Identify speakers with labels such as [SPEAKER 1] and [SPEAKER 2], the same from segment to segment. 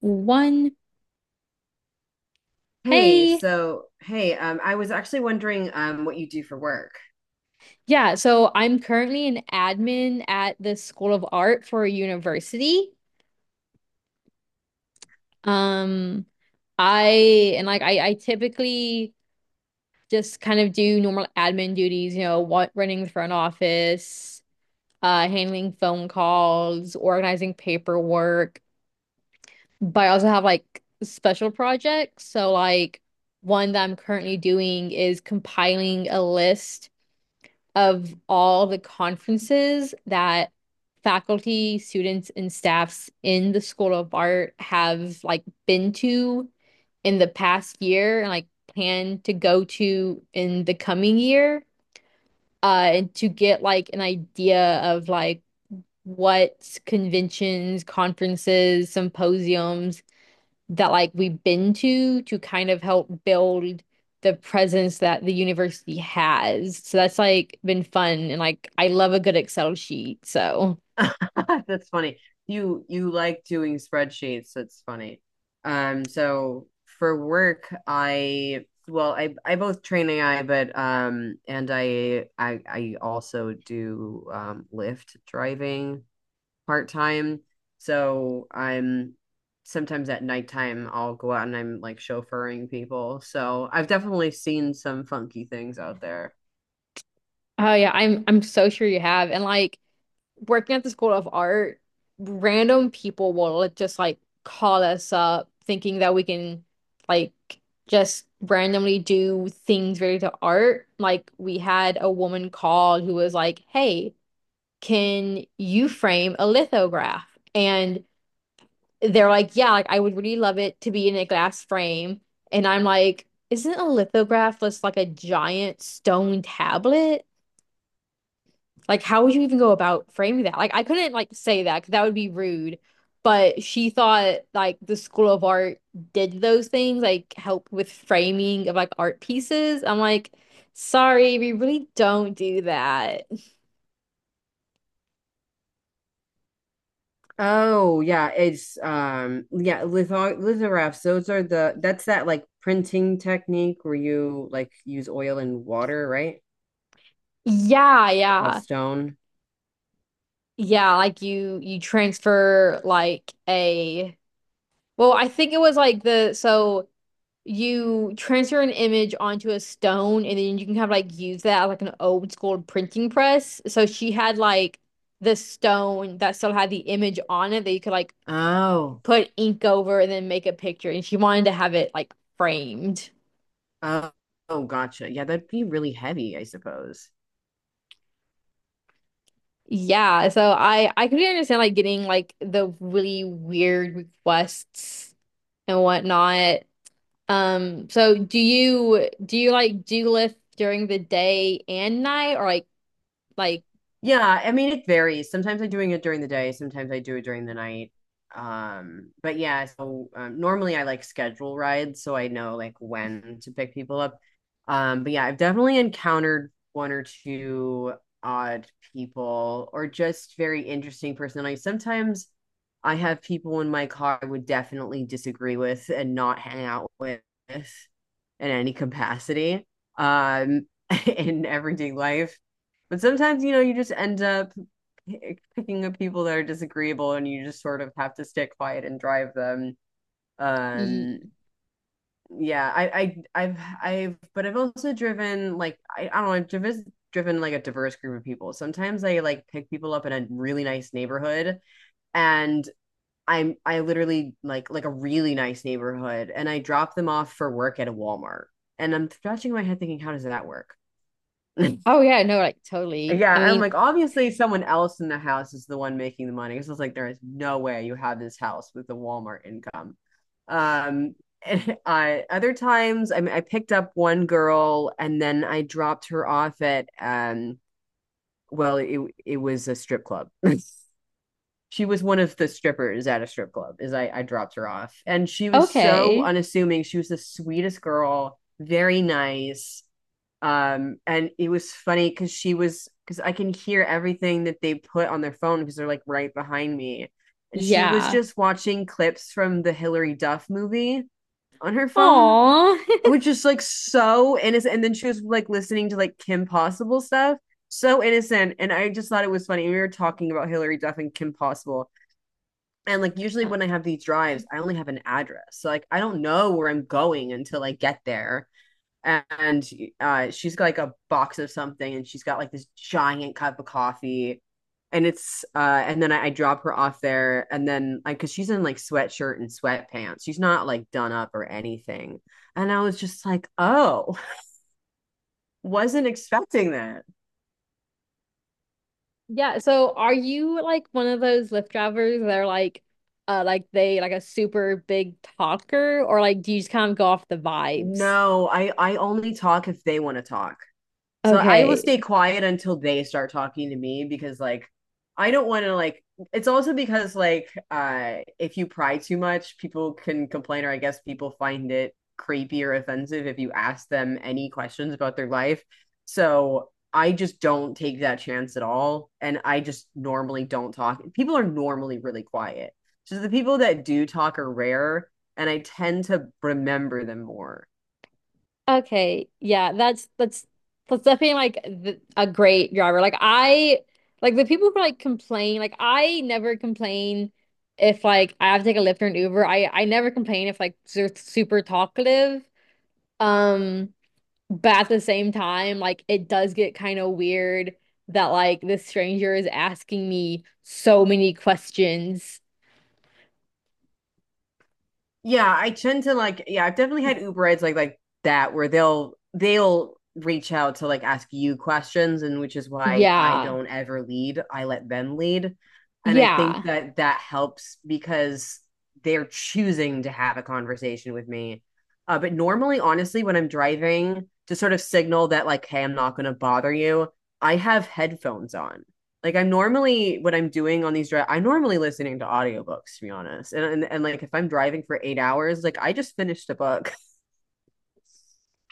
[SPEAKER 1] One.
[SPEAKER 2] Hey,
[SPEAKER 1] Hey.
[SPEAKER 2] I was actually wondering what you do for work.
[SPEAKER 1] Yeah, so I'm currently an admin at the School of Art for a university. Um, I and like I typically just kind of do normal admin duties, you know, what running the front office, handling phone calls, organizing paperwork. But I also have like special projects. So like one that I'm currently doing is compiling a list of all the conferences that faculty, students, and staffs in the School of Art have like been to in the past year and like plan to go to in the coming year, and to get like an idea of like what conventions, conferences, symposiums that like we've been to kind of help build the presence that the university has. So that's like been fun and like I love a good Excel sheet. So
[SPEAKER 2] That's funny. You like doing spreadsheets. That's funny. So for work, I, well, I both train AI, but and I also do Lyft driving part time. So I'm sometimes at nighttime I'll go out and I'm like chauffeuring people. So I've definitely seen some funky things out there.
[SPEAKER 1] oh yeah, I'm so sure you have. And like working at the School of Art, random people will like, just like call us up thinking that we can like just randomly do things related to art. Like we had a woman call who was like, "Hey, can you frame a lithograph? And they're like, yeah, like I would really love it to be in a glass frame." And I'm like, isn't a lithograph just like a giant stone tablet? Like, how would you even go about framing that? Like, I couldn't like say that 'cause that would be rude. But she thought like the School of Art did those things, like help with framing of like art pieces. I'm like, sorry, we really don't do that.
[SPEAKER 2] Oh yeah, it's yeah, lithographs, those are the that's that like printing technique where you like use oil and water, right?
[SPEAKER 1] Yeah,
[SPEAKER 2] Like a
[SPEAKER 1] yeah.
[SPEAKER 2] stone.
[SPEAKER 1] Yeah, like you transfer like a well, I think it was like the so you transfer an image onto a stone and then you can kind of like use that as like an old school printing press. So she had like the stone that still had the image on it that you could like
[SPEAKER 2] Oh.
[SPEAKER 1] put ink over and then make a picture and she wanted to have it like framed.
[SPEAKER 2] Oh, oh, gotcha. Yeah, that'd be really heavy, I suppose.
[SPEAKER 1] Yeah, so I could understand like getting like the really weird requests and whatnot. So do you like do lift during the day and night or like
[SPEAKER 2] Yeah, I mean it varies. Sometimes I'm doing it during the day, sometimes I do it during the night. But yeah, so normally I like schedule rides so I know like when to pick people up. But yeah, I've definitely encountered one or two odd people or just very interesting personalities. Sometimes I have people in my car I would definitely disagree with and not hang out with in any capacity. Um, in everyday life but sometimes, you know, you just end up picking up people that are disagreeable and you just sort of have to stay quiet and drive them.
[SPEAKER 1] y
[SPEAKER 2] Um, yeah, but I've also driven like, I don't know, I've driven like a diverse group of people. Sometimes I like pick people up in a really nice neighborhood and I literally like a really nice neighborhood, and I drop them off for work at a Walmart. And I'm scratching my head thinking, how does that work? Like,
[SPEAKER 1] oh yeah, no, like totally.
[SPEAKER 2] yeah,
[SPEAKER 1] I
[SPEAKER 2] I'm
[SPEAKER 1] mean,
[SPEAKER 2] like, obviously, someone else in the house is the one making the money. Because I was like, there is no way you have this house with the Walmart income. Um, other times, I mean, I picked up one girl and then I dropped her off at, um, well, it was a strip club. She was one of the strippers at a strip club. I dropped her off, and she was so
[SPEAKER 1] okay.
[SPEAKER 2] unassuming. She was the sweetest girl, very nice. And it was funny because she was, because I can hear everything that they put on their phone because they're like right behind me, and she was
[SPEAKER 1] Yeah.
[SPEAKER 2] just watching clips from the Hillary Duff movie on her phone,
[SPEAKER 1] Aw.
[SPEAKER 2] which is like so innocent. And then she was like listening to like Kim Possible stuff, so innocent. And I just thought it was funny. We were talking about Hillary Duff and Kim Possible. And like usually
[SPEAKER 1] Uh,
[SPEAKER 2] when I have these drives, I only have an address. So like I don't know where I'm going until I get there. And she's got like a box of something and she's got like this giant cup of coffee. And it's and then I drop her off there, and then like cause she's in like sweatshirt and sweatpants. She's not like done up or anything. And I was just like, oh, wasn't expecting that.
[SPEAKER 1] Yeah, so are you like one of those Lyft drivers that are like they like a super big talker or like do you just kind of go off the vibes?
[SPEAKER 2] No, I only talk if they want to talk. So I will stay
[SPEAKER 1] Okay.
[SPEAKER 2] quiet until they start talking to me, because like I don't want to like, it's also because like if you pry too much, people can complain, or I guess people find it creepy or offensive if you ask them any questions about their life. So I just don't take that chance at all, and I just normally don't talk. People are normally really quiet. So the people that do talk are rare, and I tend to remember them more.
[SPEAKER 1] Okay, yeah, that's definitely like th a great driver. Like I like the people who like complain. Like I never complain if like I have to take a Lyft or an Uber. I never complain if like they're super talkative. Um, but at the same time, like it does get kind of weird that like this stranger is asking me so many questions.
[SPEAKER 2] Yeah, I tend to like, yeah, I've definitely had Uber Eats like that where they'll reach out to like ask you questions, and which is why I
[SPEAKER 1] Yeah,
[SPEAKER 2] don't ever lead. I let them lead. And I think
[SPEAKER 1] yeah.
[SPEAKER 2] that that helps because they're choosing to have a conversation with me. But normally, honestly, when I'm driving, to sort of signal that like, hey, I'm not going to bother you, I have headphones on. Like I'm normally, what I'm doing on these drive, I'm normally listening to audiobooks, to be honest. And like if I'm driving for 8 hours, like I just finished a book.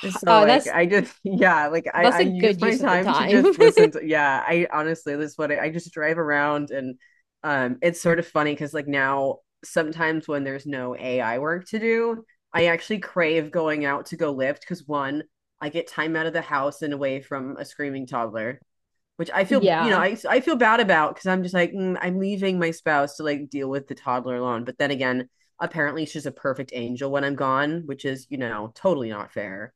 [SPEAKER 2] So
[SPEAKER 1] Uh,
[SPEAKER 2] like
[SPEAKER 1] that's
[SPEAKER 2] I just yeah, like
[SPEAKER 1] that's
[SPEAKER 2] I
[SPEAKER 1] a
[SPEAKER 2] use
[SPEAKER 1] good
[SPEAKER 2] my
[SPEAKER 1] use of the
[SPEAKER 2] time to
[SPEAKER 1] time.
[SPEAKER 2] just listen to yeah, I honestly this is what I just drive around. And it's sort of funny cuz like now sometimes when there's no AI work to do, I actually crave going out to go lift cuz one, I get time out of the house and away from a screaming toddler, which I feel, you know,
[SPEAKER 1] Yeah.
[SPEAKER 2] I feel bad about because I'm just like I'm leaving my spouse to like deal with the toddler alone. But then again, apparently she's a perfect angel when I'm gone, which is, you know, totally not fair.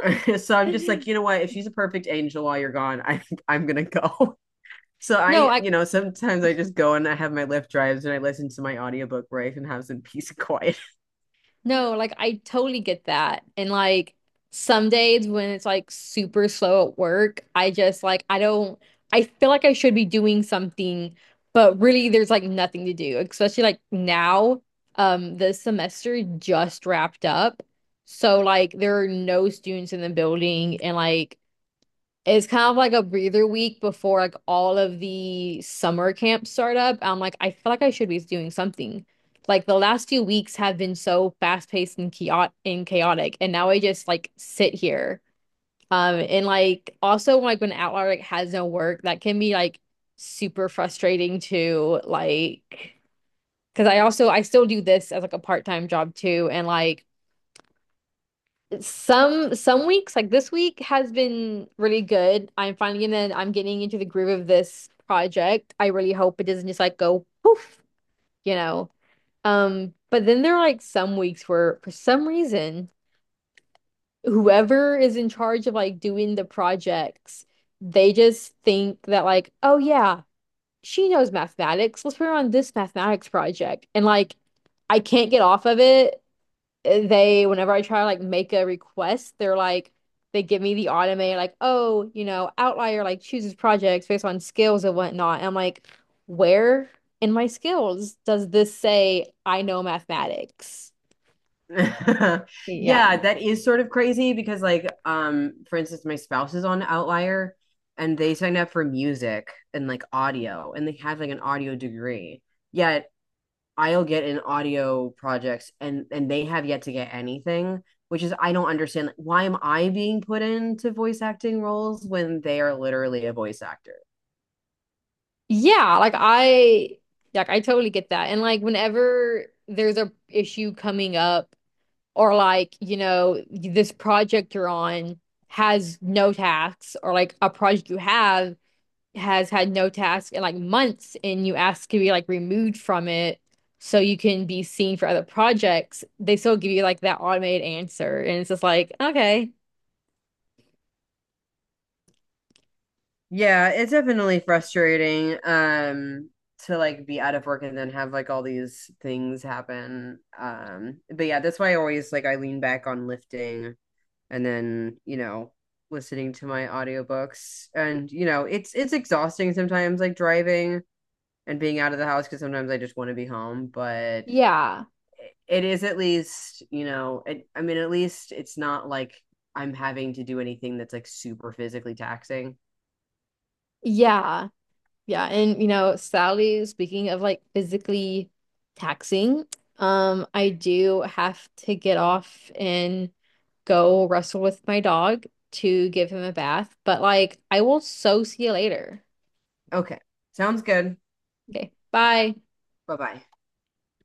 [SPEAKER 2] So I'm just like, you know what? If she's a perfect angel while you're gone, I'm gonna go. So
[SPEAKER 1] No,
[SPEAKER 2] I,
[SPEAKER 1] I
[SPEAKER 2] you know, sometimes I just go and I have my Lyft drives and I listen to my audiobook where I can have some peace and quiet.
[SPEAKER 1] no, like I totally get that. And like some days when it's like super slow at work, I just like I don't I feel like I should be doing something, but really there's like nothing to do, especially like now. The semester just wrapped up. So like there are no students in the building and like it's kind of like a breather week before like all of the summer camps start up. I'm like, I feel like I should be doing something. Like the last few weeks have been so fast-paced and chaotic, and now I just like sit here. And like also like when Outlier like has no work, that can be like super frustrating too. Like, because I also I still do this as like a part-time job too, and like some weeks, like this week, has been really good. I'm finally in and I'm getting into the groove of this project. I really hope it doesn't just like go poof, you know. But then there are like some weeks where for some reason, whoever is in charge of like doing the projects, they just think that like, oh yeah, she knows mathematics. Let's put her on this mathematics project. And like I can't get off of it they whenever I try to like make a request, they're like they give me the automated like, oh, you know, outlier like chooses projects based on skills and whatnot. And I'm like, where in my skills does this say I know mathematics?
[SPEAKER 2] Yeah,
[SPEAKER 1] Yeah.
[SPEAKER 2] that is sort of crazy because like for instance my spouse is on Outlier and they signed up for music and like audio, and they have like an audio degree. Yet I'll get in audio projects, and they have yet to get anything, which is, I don't understand, like, why am I being put into voice acting roles when they are literally a voice actor?
[SPEAKER 1] Yeah, like I totally get that. And like whenever there's a issue coming up or like, you know, this project you're on has no tasks or like a project you have has had no task in like months and you ask to be like removed from it so you can be seen for other projects, they still give you like that automated answer. And it's just like, okay,
[SPEAKER 2] Yeah, it's definitely frustrating to like be out of work and then have like all these things happen. But yeah, that's why I always like I lean back on lifting, and then, you know, listening to my audiobooks. And you know, it's exhausting sometimes like driving and being out of the house because sometimes I just want to be home, but
[SPEAKER 1] yeah,
[SPEAKER 2] it is, at least, you know, it, I mean at least it's not like I'm having to do anything that's like super physically taxing.
[SPEAKER 1] yeah, yeah. And you know, sadly, speaking of like physically taxing, I do have to get off and go wrestle with my dog to give him a bath. But like, I will so see you later.
[SPEAKER 2] Okay. Sounds good.
[SPEAKER 1] Okay, bye.
[SPEAKER 2] Bye-bye.